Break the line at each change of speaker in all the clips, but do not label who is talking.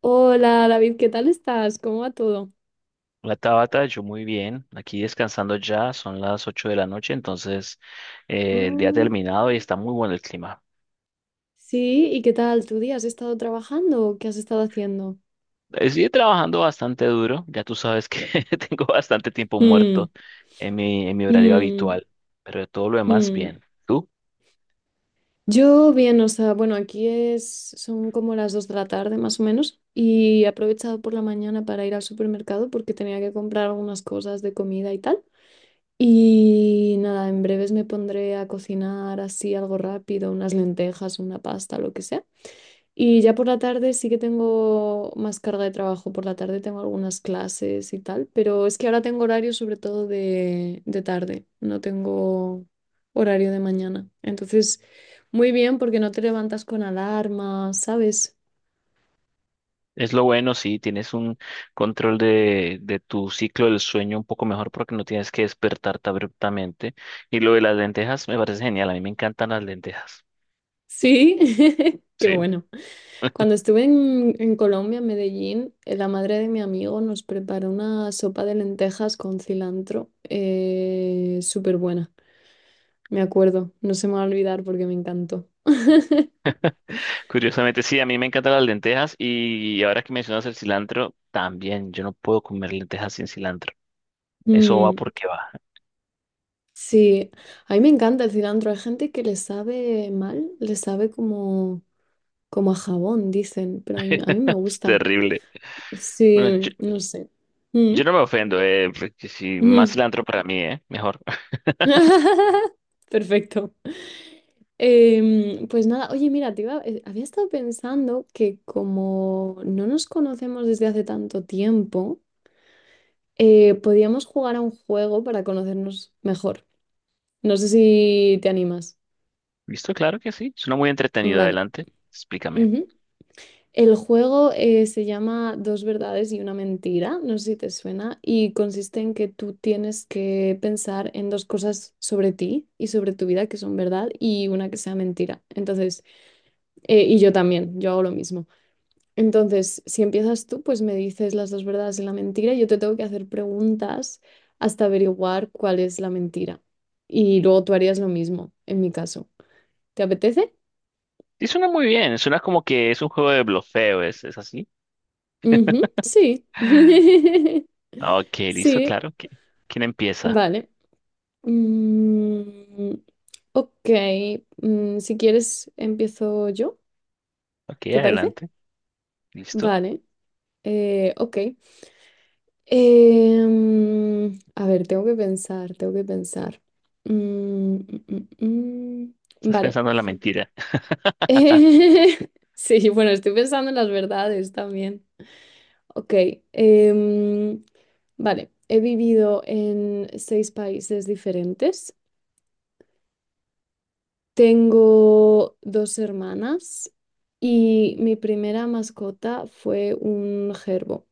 Hola David, ¿qué tal estás? ¿Cómo va todo?
La Tabata, yo muy bien, aquí descansando ya, son las 8 de la noche, entonces el día ha
Mm.
terminado y está muy bueno el clima.
Sí, ¿y qué tal tu día? ¿Has estado trabajando o qué has estado haciendo?
Sigue trabajando bastante duro, ya tú sabes que tengo bastante tiempo
Mm,
muerto en mi horario
mm,
habitual, pero de todo lo demás
mm.
bien. ¿Tú?
Yo bien, o sea, bueno, aquí es, son como las 2 de la tarde más o menos y he aprovechado por la mañana para ir al supermercado porque tenía que comprar algunas cosas de comida y tal. Y nada, en breves me pondré a cocinar así algo rápido, unas lentejas, una pasta, lo que sea. Y ya por la tarde sí que tengo más carga de trabajo. Por la tarde tengo algunas clases y tal, pero es que ahora tengo horario sobre todo de tarde. No tengo horario de mañana. Entonces, muy bien porque no te levantas con alarma, ¿sabes?
Es lo bueno, sí, tienes un control de tu ciclo del sueño un poco mejor porque no tienes que despertarte abruptamente. Y lo de las lentejas me parece genial, a mí me encantan las lentejas.
Sí, qué
Sí.
bueno. Cuando estuve en Colombia, en Medellín, la madre de mi amigo nos preparó una sopa de lentejas con cilantro, súper buena. Me acuerdo, no se me va a olvidar porque me encantó.
Curiosamente, sí, a mí me encantan las lentejas y ahora que mencionas el cilantro, también yo no puedo comer lentejas sin cilantro. Eso va
Mm,
porque va.
sí, a mí me encanta el cilantro. Hay gente que le sabe mal, le sabe como, como a jabón, dicen, pero a mí me
Es
gusta.
terrible. Bueno, yo,
Sí, no sé. Mm,
yo no me ofendo, porque si más
mm.
cilantro para mí, mejor.
Perfecto. Pues nada, oye, mira, había estado pensando que como no nos conocemos desde hace tanto tiempo, podíamos jugar a un juego para conocernos mejor. No sé si te animas.
Listo, claro que sí. Suena muy entretenido.
Vale.
Adelante, explícame.
El juego se llama Dos verdades y una mentira, no sé si te suena, y consiste en que tú tienes que pensar en dos cosas sobre ti y sobre tu vida que son verdad y una que sea mentira. Entonces, y yo también, yo hago lo mismo. Entonces, si empiezas tú, pues me dices las dos verdades y la mentira, y yo te tengo que hacer preguntas hasta averiguar cuál es la mentira. Y luego tú harías lo mismo, en mi caso. ¿Te apetece?
Sí, suena muy bien. Suena como que es un juego de blofeo, ¿es así?
Ujú, sí.
Ah, ok, listo,
Sí.
claro. que ¿Quién empieza?
Vale. Mm, ok. Mm, si quieres, empiezo yo,
Ok,
¿te parece?
adelante. Listo.
Vale. Ok. A ver, tengo que pensar. Mm, mm, mm, mm.
Estás
Vale.
pensando en la mentira.
Eh, sí, bueno, estoy pensando en las verdades también. Ok, em, vale. He vivido en seis países diferentes. Tengo dos hermanas y mi primera mascota fue un gerbo.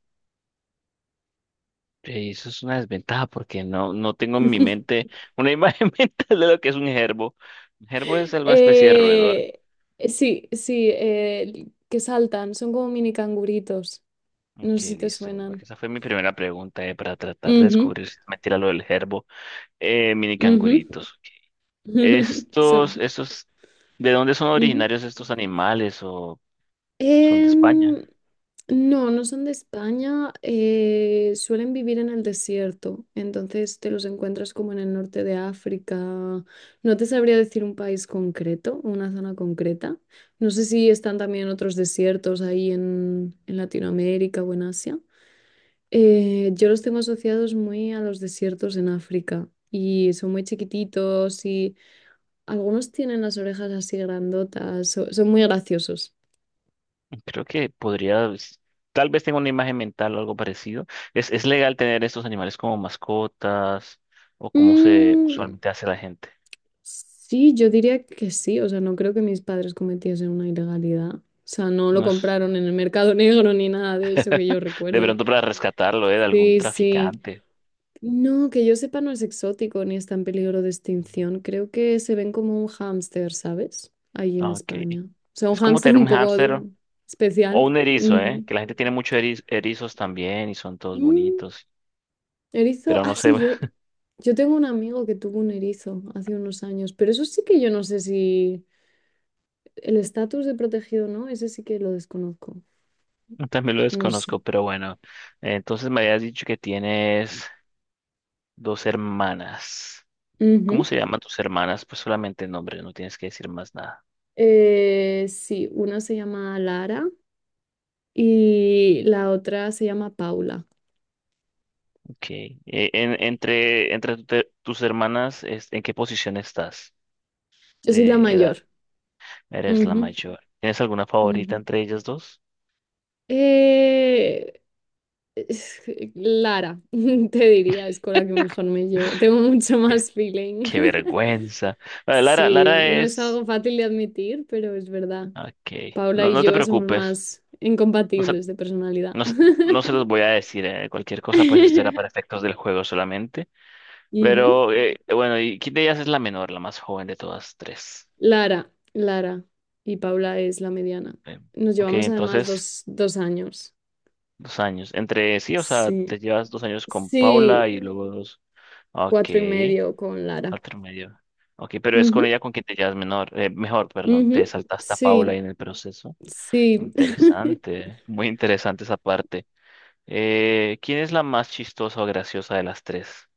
Eso es una desventaja porque no, no tengo en mi mente una imagen mental de lo que es un gerbo. Un gerbo es alguna especie de roedor.
Eh, sí, sí, que saltan, son como mini canguritos. No
Ok,
sé si te
listo. Porque
suenan.
esa fue mi primera pregunta, para tratar de
Ujú,
descubrir si es mentira lo del gerbo. Mini
ujú.
canguritos. Estos,
Son.
estos, ¿de dónde son
Ujú.
originarios estos animales o son de España?
Em, No, no son de España, suelen vivir en el desierto, entonces te los encuentras como en el norte de África. No te sabría decir un país concreto, una zona concreta. No sé si están también otros desiertos ahí en Latinoamérica o en Asia. Yo los tengo asociados muy a los desiertos en África y son muy chiquititos y algunos tienen las orejas así grandotas, son muy graciosos.
Creo que podría, tal vez tenga una imagen mental o algo parecido. ¿Es legal tener estos animales como mascotas o como se
Mm.
usualmente hace la gente?
Sí, yo diría que sí, o sea, no creo que mis padres cometiesen una ilegalidad. O sea, no lo
No es.
compraron en el mercado negro ni nada de eso que yo
De
recuerde.
pronto para rescatarlo, ¿eh? De algún
Sí, sí.
traficante.
No, que yo sepa no es exótico ni está en peligro de extinción. Creo que se ven como un hámster, ¿sabes? Ahí en
Ah, ok.
España. O sea, un
Es como
hámster
tener un
un poco
hámster o
especial.
un erizo, ¿eh?
Ujú.
Que la gente tiene muchos erizos también y son todos
Mm,
bonitos.
erizo,
Pero
ah,
no sé,
sí, yo, yo tengo un amigo que tuvo un erizo hace unos años, pero eso sí que yo no sé si... El estatus de protegido no, ese sí que lo desconozco.
también lo
No sé.
desconozco, pero bueno. Entonces me habías dicho que tienes dos hermanas. ¿Cómo
Ujú.
se llaman tus hermanas? Pues solamente el nombre, no tienes que decir más nada.
Sí, una se llama Lara y la otra se llama Paula.
Ok. Entre tus hermanas, ¿en qué posición estás
Yo soy la
de edad?
mayor.
Eres la
Ujú,
mayor. ¿Tienes alguna favorita
ujú.
entre ellas dos?
Eh, es- Lara, te diría, es con la que mejor me llevo. Tengo mucho más feeling.
Qué vergüenza. Vale, Lara,
Sí,
Lara
no es
es.
algo fácil de admitir, pero es verdad.
Ok.
Paula
No,
y
no te
yo somos
preocupes.
más
No se,
incompatibles de personalidad.
no se, no se los voy a decir. Cualquier cosa, pues esto era para efectos del juego solamente.
Ujú.
Pero bueno, ¿y quién de ellas es la menor, la más joven de todas tres?
Lara y Paula es la mediana.
Eh,
Nos
Ok,
llevamos además
entonces,
dos años.
2 años. Entre sí, o sea, te
Sí,
llevas 2 años con Paula
sí,
y luego dos. Ok,
cuatro y medio con Lara.
otro medio. Ok, pero es con
Ujú,
ella con quien te llevas menor, mejor, perdón, te
ujú.
saltaste a Paula
Sí,
en el proceso.
sí.
Interesante, muy interesante esa parte. ¿Quién es la más chistosa o graciosa de las tres?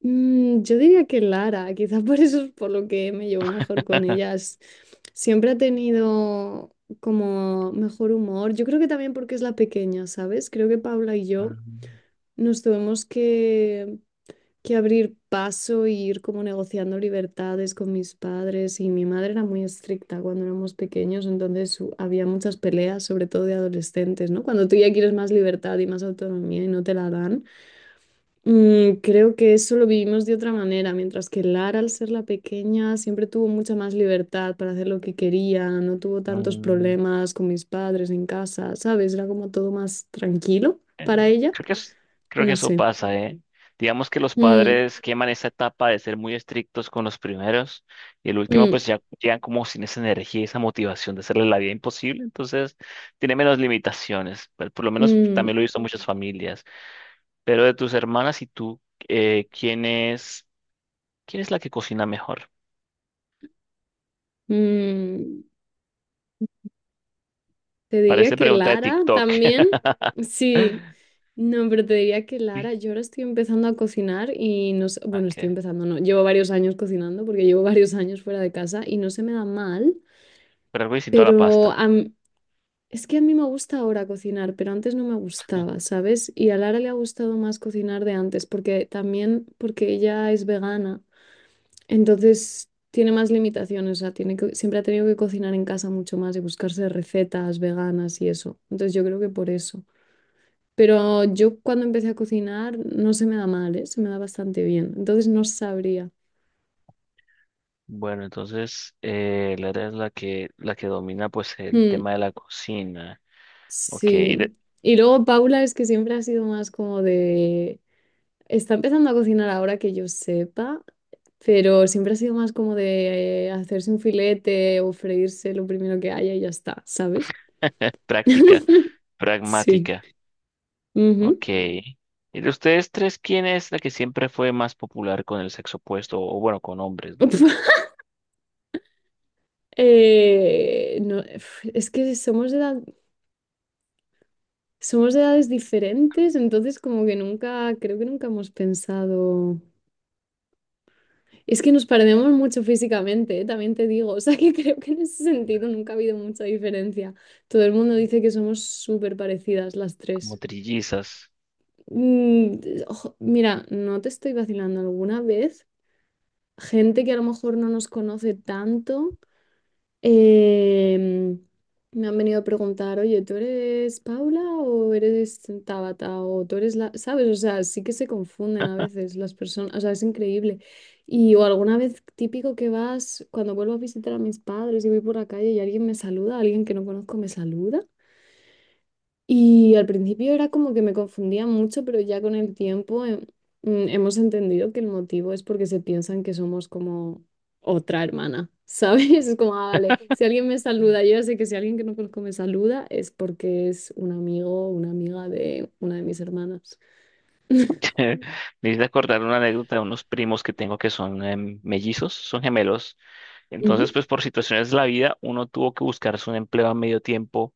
Mm, yo diría que Lara, quizás por eso es por lo que me llevo mejor con ellas. Siempre ha tenido como mejor humor. Yo creo que también porque es la pequeña, ¿sabes? Creo que Paula y yo
Mm,
nos tuvimos que abrir paso y ir como negociando libertades con mis padres. Y mi madre era muy estricta cuando éramos pequeños, entonces había muchas peleas, sobre todo de adolescentes, ¿no? Cuando tú ya quieres más libertad y más autonomía y no te la dan. Mm, creo que eso lo vivimos de otra manera, mientras que Lara, al ser la pequeña, siempre tuvo mucha más libertad para hacer lo que quería, no tuvo tantos
mm,
problemas con mis padres en casa, ¿sabes? Era como todo más tranquilo
eh,
para ella.
creo que es- Creo que
No
eso
sé.
pasa, ¿eh? Digamos que los
Mm,
padres queman esa etapa de ser muy estrictos con los primeros y el último
mm,
pues ya llegan como sin esa energía y esa motivación de hacerle la vida imposible, entonces tiene menos limitaciones, pero por lo menos
mm.
también lo he visto en muchas familias. Pero de tus hermanas y tú, eh, ¿quién es, quién es la que cocina mejor?
Mm, te diría
Parece
que
pregunta de
Lara
TikTok.
también. Sí, no, pero te diría que
Sí,
Lara, yo ahora estoy empezando a cocinar y no sé, bueno, estoy
ok.
empezando, no, llevo varios años cocinando porque llevo varios años fuera de casa y no se me da mal,
Pero algo distinto a la
pero
pasta.
es que a mí me gusta ahora cocinar, pero antes no me gustaba, ¿sabes? Y a Lara le ha gustado más cocinar de antes porque también porque ella es vegana. Entonces tiene más limitaciones, o sea, tiene que, siempre ha tenido que cocinar en casa mucho más y buscarse recetas veganas y eso. Entonces yo creo que por eso. Pero yo cuando empecé a cocinar no se me da mal, ¿eh? Se me da bastante bien. Entonces no sabría.
Bueno, entonces Lara es la que domina pues el
Mm,
tema de la cocina. Ok, de-
sí. Y luego Paula es que siempre ha sido más como de... Está empezando a cocinar ahora que yo sepa, pero siempre ha sido más como de hacerse un filete o freírse lo primero que haya y ya está, ¿sabes?
práctica,
Sí.
pragmática.
Ujú.
Ok. ¿Y de ustedes tres, quién es la que siempre fue más popular con el sexo opuesto? O bueno, con hombres, ¿no?
No, es que somos de edades diferentes, entonces como que nunca, creo que nunca hemos pensado. Es que nos parecemos mucho físicamente, también te digo, o sea que creo que en ese sentido nunca ha habido mucha diferencia. Todo el mundo dice que somos súper parecidas las
Como
tres.
trillizas.
Mm, ojo, mira, no te estoy vacilando alguna vez. Gente que a lo mejor no nos conoce tanto. Em, Me han venido a preguntar, oye, ¿tú eres Paula o eres Tabata o tú eres la... ¿Sabes? O sea, sí que se confunden a veces las personas, o sea, es increíble. Y o alguna vez típico que vas, cuando vuelvo a visitar a mis padres y voy por la calle y alguien me saluda, alguien que no conozco me saluda. Y al principio era como que me confundía mucho, pero ya con el tiempo hemos entendido que el motivo es porque se piensan que somos como otra hermana, ¿sabes? Es como, ah, vale, si alguien me saluda, yo ya sé que si alguien que no conozco me saluda es porque es un amigo o una amiga de una de mis hermanas.
Me hice acordar una anécdota de unos primos que tengo que son mellizos, son gemelos. Entonces,
Ujú,
pues por situaciones de la vida, uno tuvo que buscarse un empleo a medio tiempo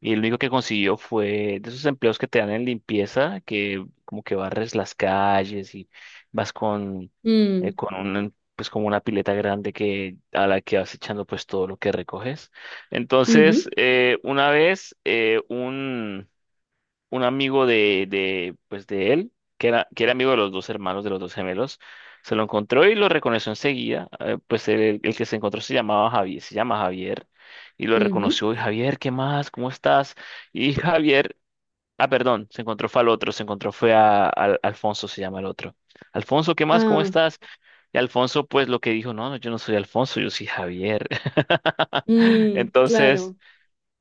y lo único que consiguió fue de esos empleos que te dan en limpieza, que como que barres las calles y vas con, eh,
mm,
con un, pues como una pileta grande a la que vas echando pues todo lo que recoges.
ujú,
Entonces, una vez un amigo pues de él, que era amigo de los dos hermanos, de los dos gemelos, se lo encontró y lo reconoció enseguida. Pues el que se encontró se llamaba Javier, se llama Javier, y lo
ujú.
reconoció. Y Javier, ¿qué más? ¿Cómo estás? Y Javier, ah, perdón, se encontró fue al otro, se encontró fue a, Alfonso, se llama el otro. Alfonso, ¿qué más? ¿Cómo
Ah,
estás? Y Alfonso, pues lo que dijo, no, no, yo no soy Alfonso, yo soy Javier.
mm,
Entonces,
claro.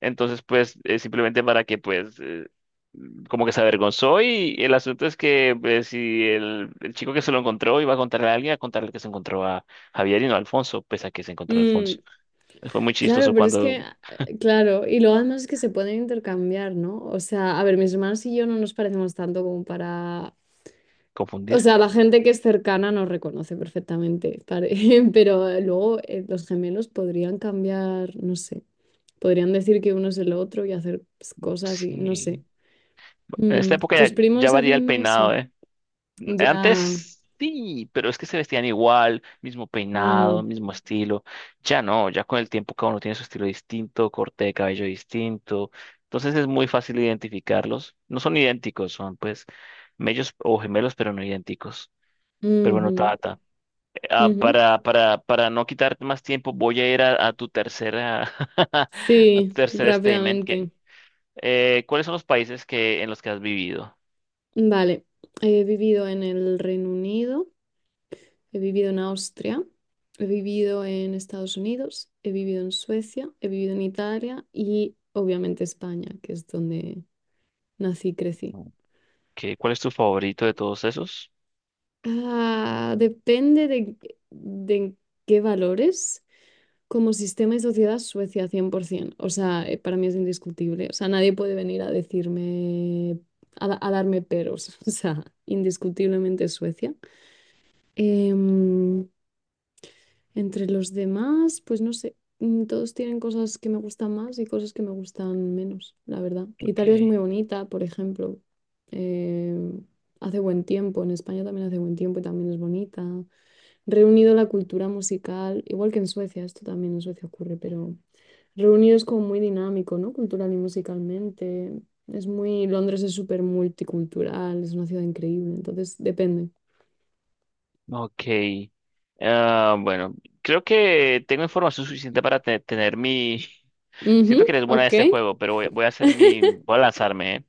entonces, pues, simplemente para que, pues, como que se avergonzó y el asunto es que si el chico que se lo encontró iba a contarle a alguien, a contarle que se encontró a Javier y no a Alfonso, pese a que se encontró a Alfonso.
Mm.
Fue muy
Claro,
chistoso
pero es que,
cuando
claro, y lo además es que se pueden intercambiar, ¿no? O sea, a ver, mis hermanos y yo no nos parecemos tanto como para... O
confundir.
sea, la gente que es cercana nos reconoce perfectamente, pero luego los gemelos podrían cambiar, no sé, podrían decir que uno es el otro y hacer pues, cosas y no
Sí.
sé.
En esta
Mm,
época
¿tus
ya, ya
primos
varía el
hacen eso?
peinado, ¿eh?
Ya.
Antes sí, pero es que se vestían igual, mismo peinado,
Mm,
mismo estilo. Ya no, ya con el tiempo cada uno tiene su estilo distinto, corte de cabello distinto. Entonces es muy fácil identificarlos. No son idénticos, son pues mellos o gemelos, pero no idénticos. Pero bueno,
ujú,
Tata,
ujú.
para no quitar más tiempo, voy a ir a tu tercera, a tu
Sí,
tercer statement.
rápidamente.
¿Cuáles son los países que, en los que has vivido?
Vale, he vivido en el Reino Unido. He vivido en Austria, he vivido en Estados Unidos, he vivido en Suecia, he vivido en Italia y obviamente España, que es donde nací y crecí.
¿Cuál es tu favorito de todos esos?
Ah, depende de en qué valores. Como sistema y sociedad, Suecia 100%. O sea, para mí es indiscutible. O sea, nadie puede venir a decirme, a darme peros. O sea, indiscutiblemente Suecia. Em, Entre los demás, pues no sé, mm, todos tienen cosas que me gustan más y cosas que me gustan menos, la verdad.
Ok.
Italia es muy bonita, por ejemplo. eh, hace buen tiempo, en España también hace buen tiempo y también es bonita. Reunido la cultura musical, igual que en Suecia, esto también en Suecia ocurre, pero reunido es como muy dinámico, ¿no? Cultural y musicalmente. Es muy, Londres es súper multicultural, es una ciudad increíble, entonces depende.
Ok. Ah, bueno, creo que tengo información suficiente para tener mi.
Ujú,
Siento que eres buena de
ok,
este juego, pero voy a hacer mi. Voy a lanzarme, ¿eh?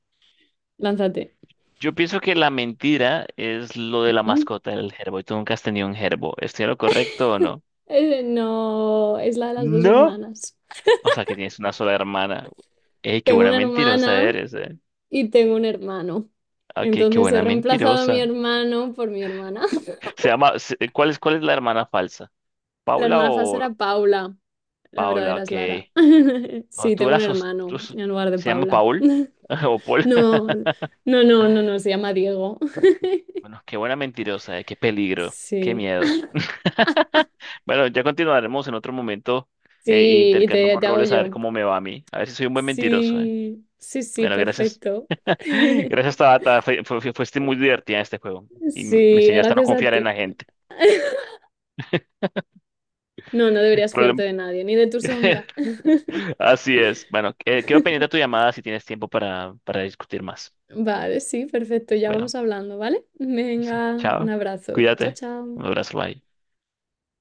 lánzate.
Yo pienso que la mentira es lo de la mascota del gerbo y tú nunca has tenido un gerbo. ¿Estoy en lo correcto o no?
No, es la de las dos
No.
hermanas.
O sea, que tienes una sola hermana. ¡Ey, qué
Tengo
buena
una
mentirosa
hermana
eres, eh!
y tengo un hermano.
Ok, qué
Entonces he
buena
reemplazado a mi
mentirosa.
hermano por mi hermana.
¿Cuál es, cuál es, la hermana falsa?
La
¿Paula
hermana falsa
o...?
era Paula. La
Paula,
verdadera es
ok.
Lara.
O
Sí,
tú
tengo
la
un
sos- tú
hermano
s-
en lugar de
se llama
Paula.
Paul o Paul.
No, no, se llama Diego.
Bueno, qué buena mentirosa, qué peligro, qué
Sí,
miedo. Bueno, ya continuaremos en otro momento e
sí, y
intercambiamos
te hago
roles a ver
yo.
cómo me va a mí. A ver si soy un buen mentiroso.
Sí, sí, sí,
Bueno, gracias.
perfecto.
Gracias, Tabata. Fuiste muy divertida en este juego y me
Sí,
enseñaste a no
gracias a
confiar en la
ti.
gente.
No, no deberías fiarte
Problem-
de nadie, ni de tu sombra.
Así es. Bueno, quedo pendiente de tu llamada si tienes tiempo para discutir más.
Vale, sí, perfecto. Ya vamos
Bueno,
hablando, ¿vale?
eso.
Venga,
Chao.
un abrazo. Chao,
Cuídate.
chao.
Un abrazo. Bye.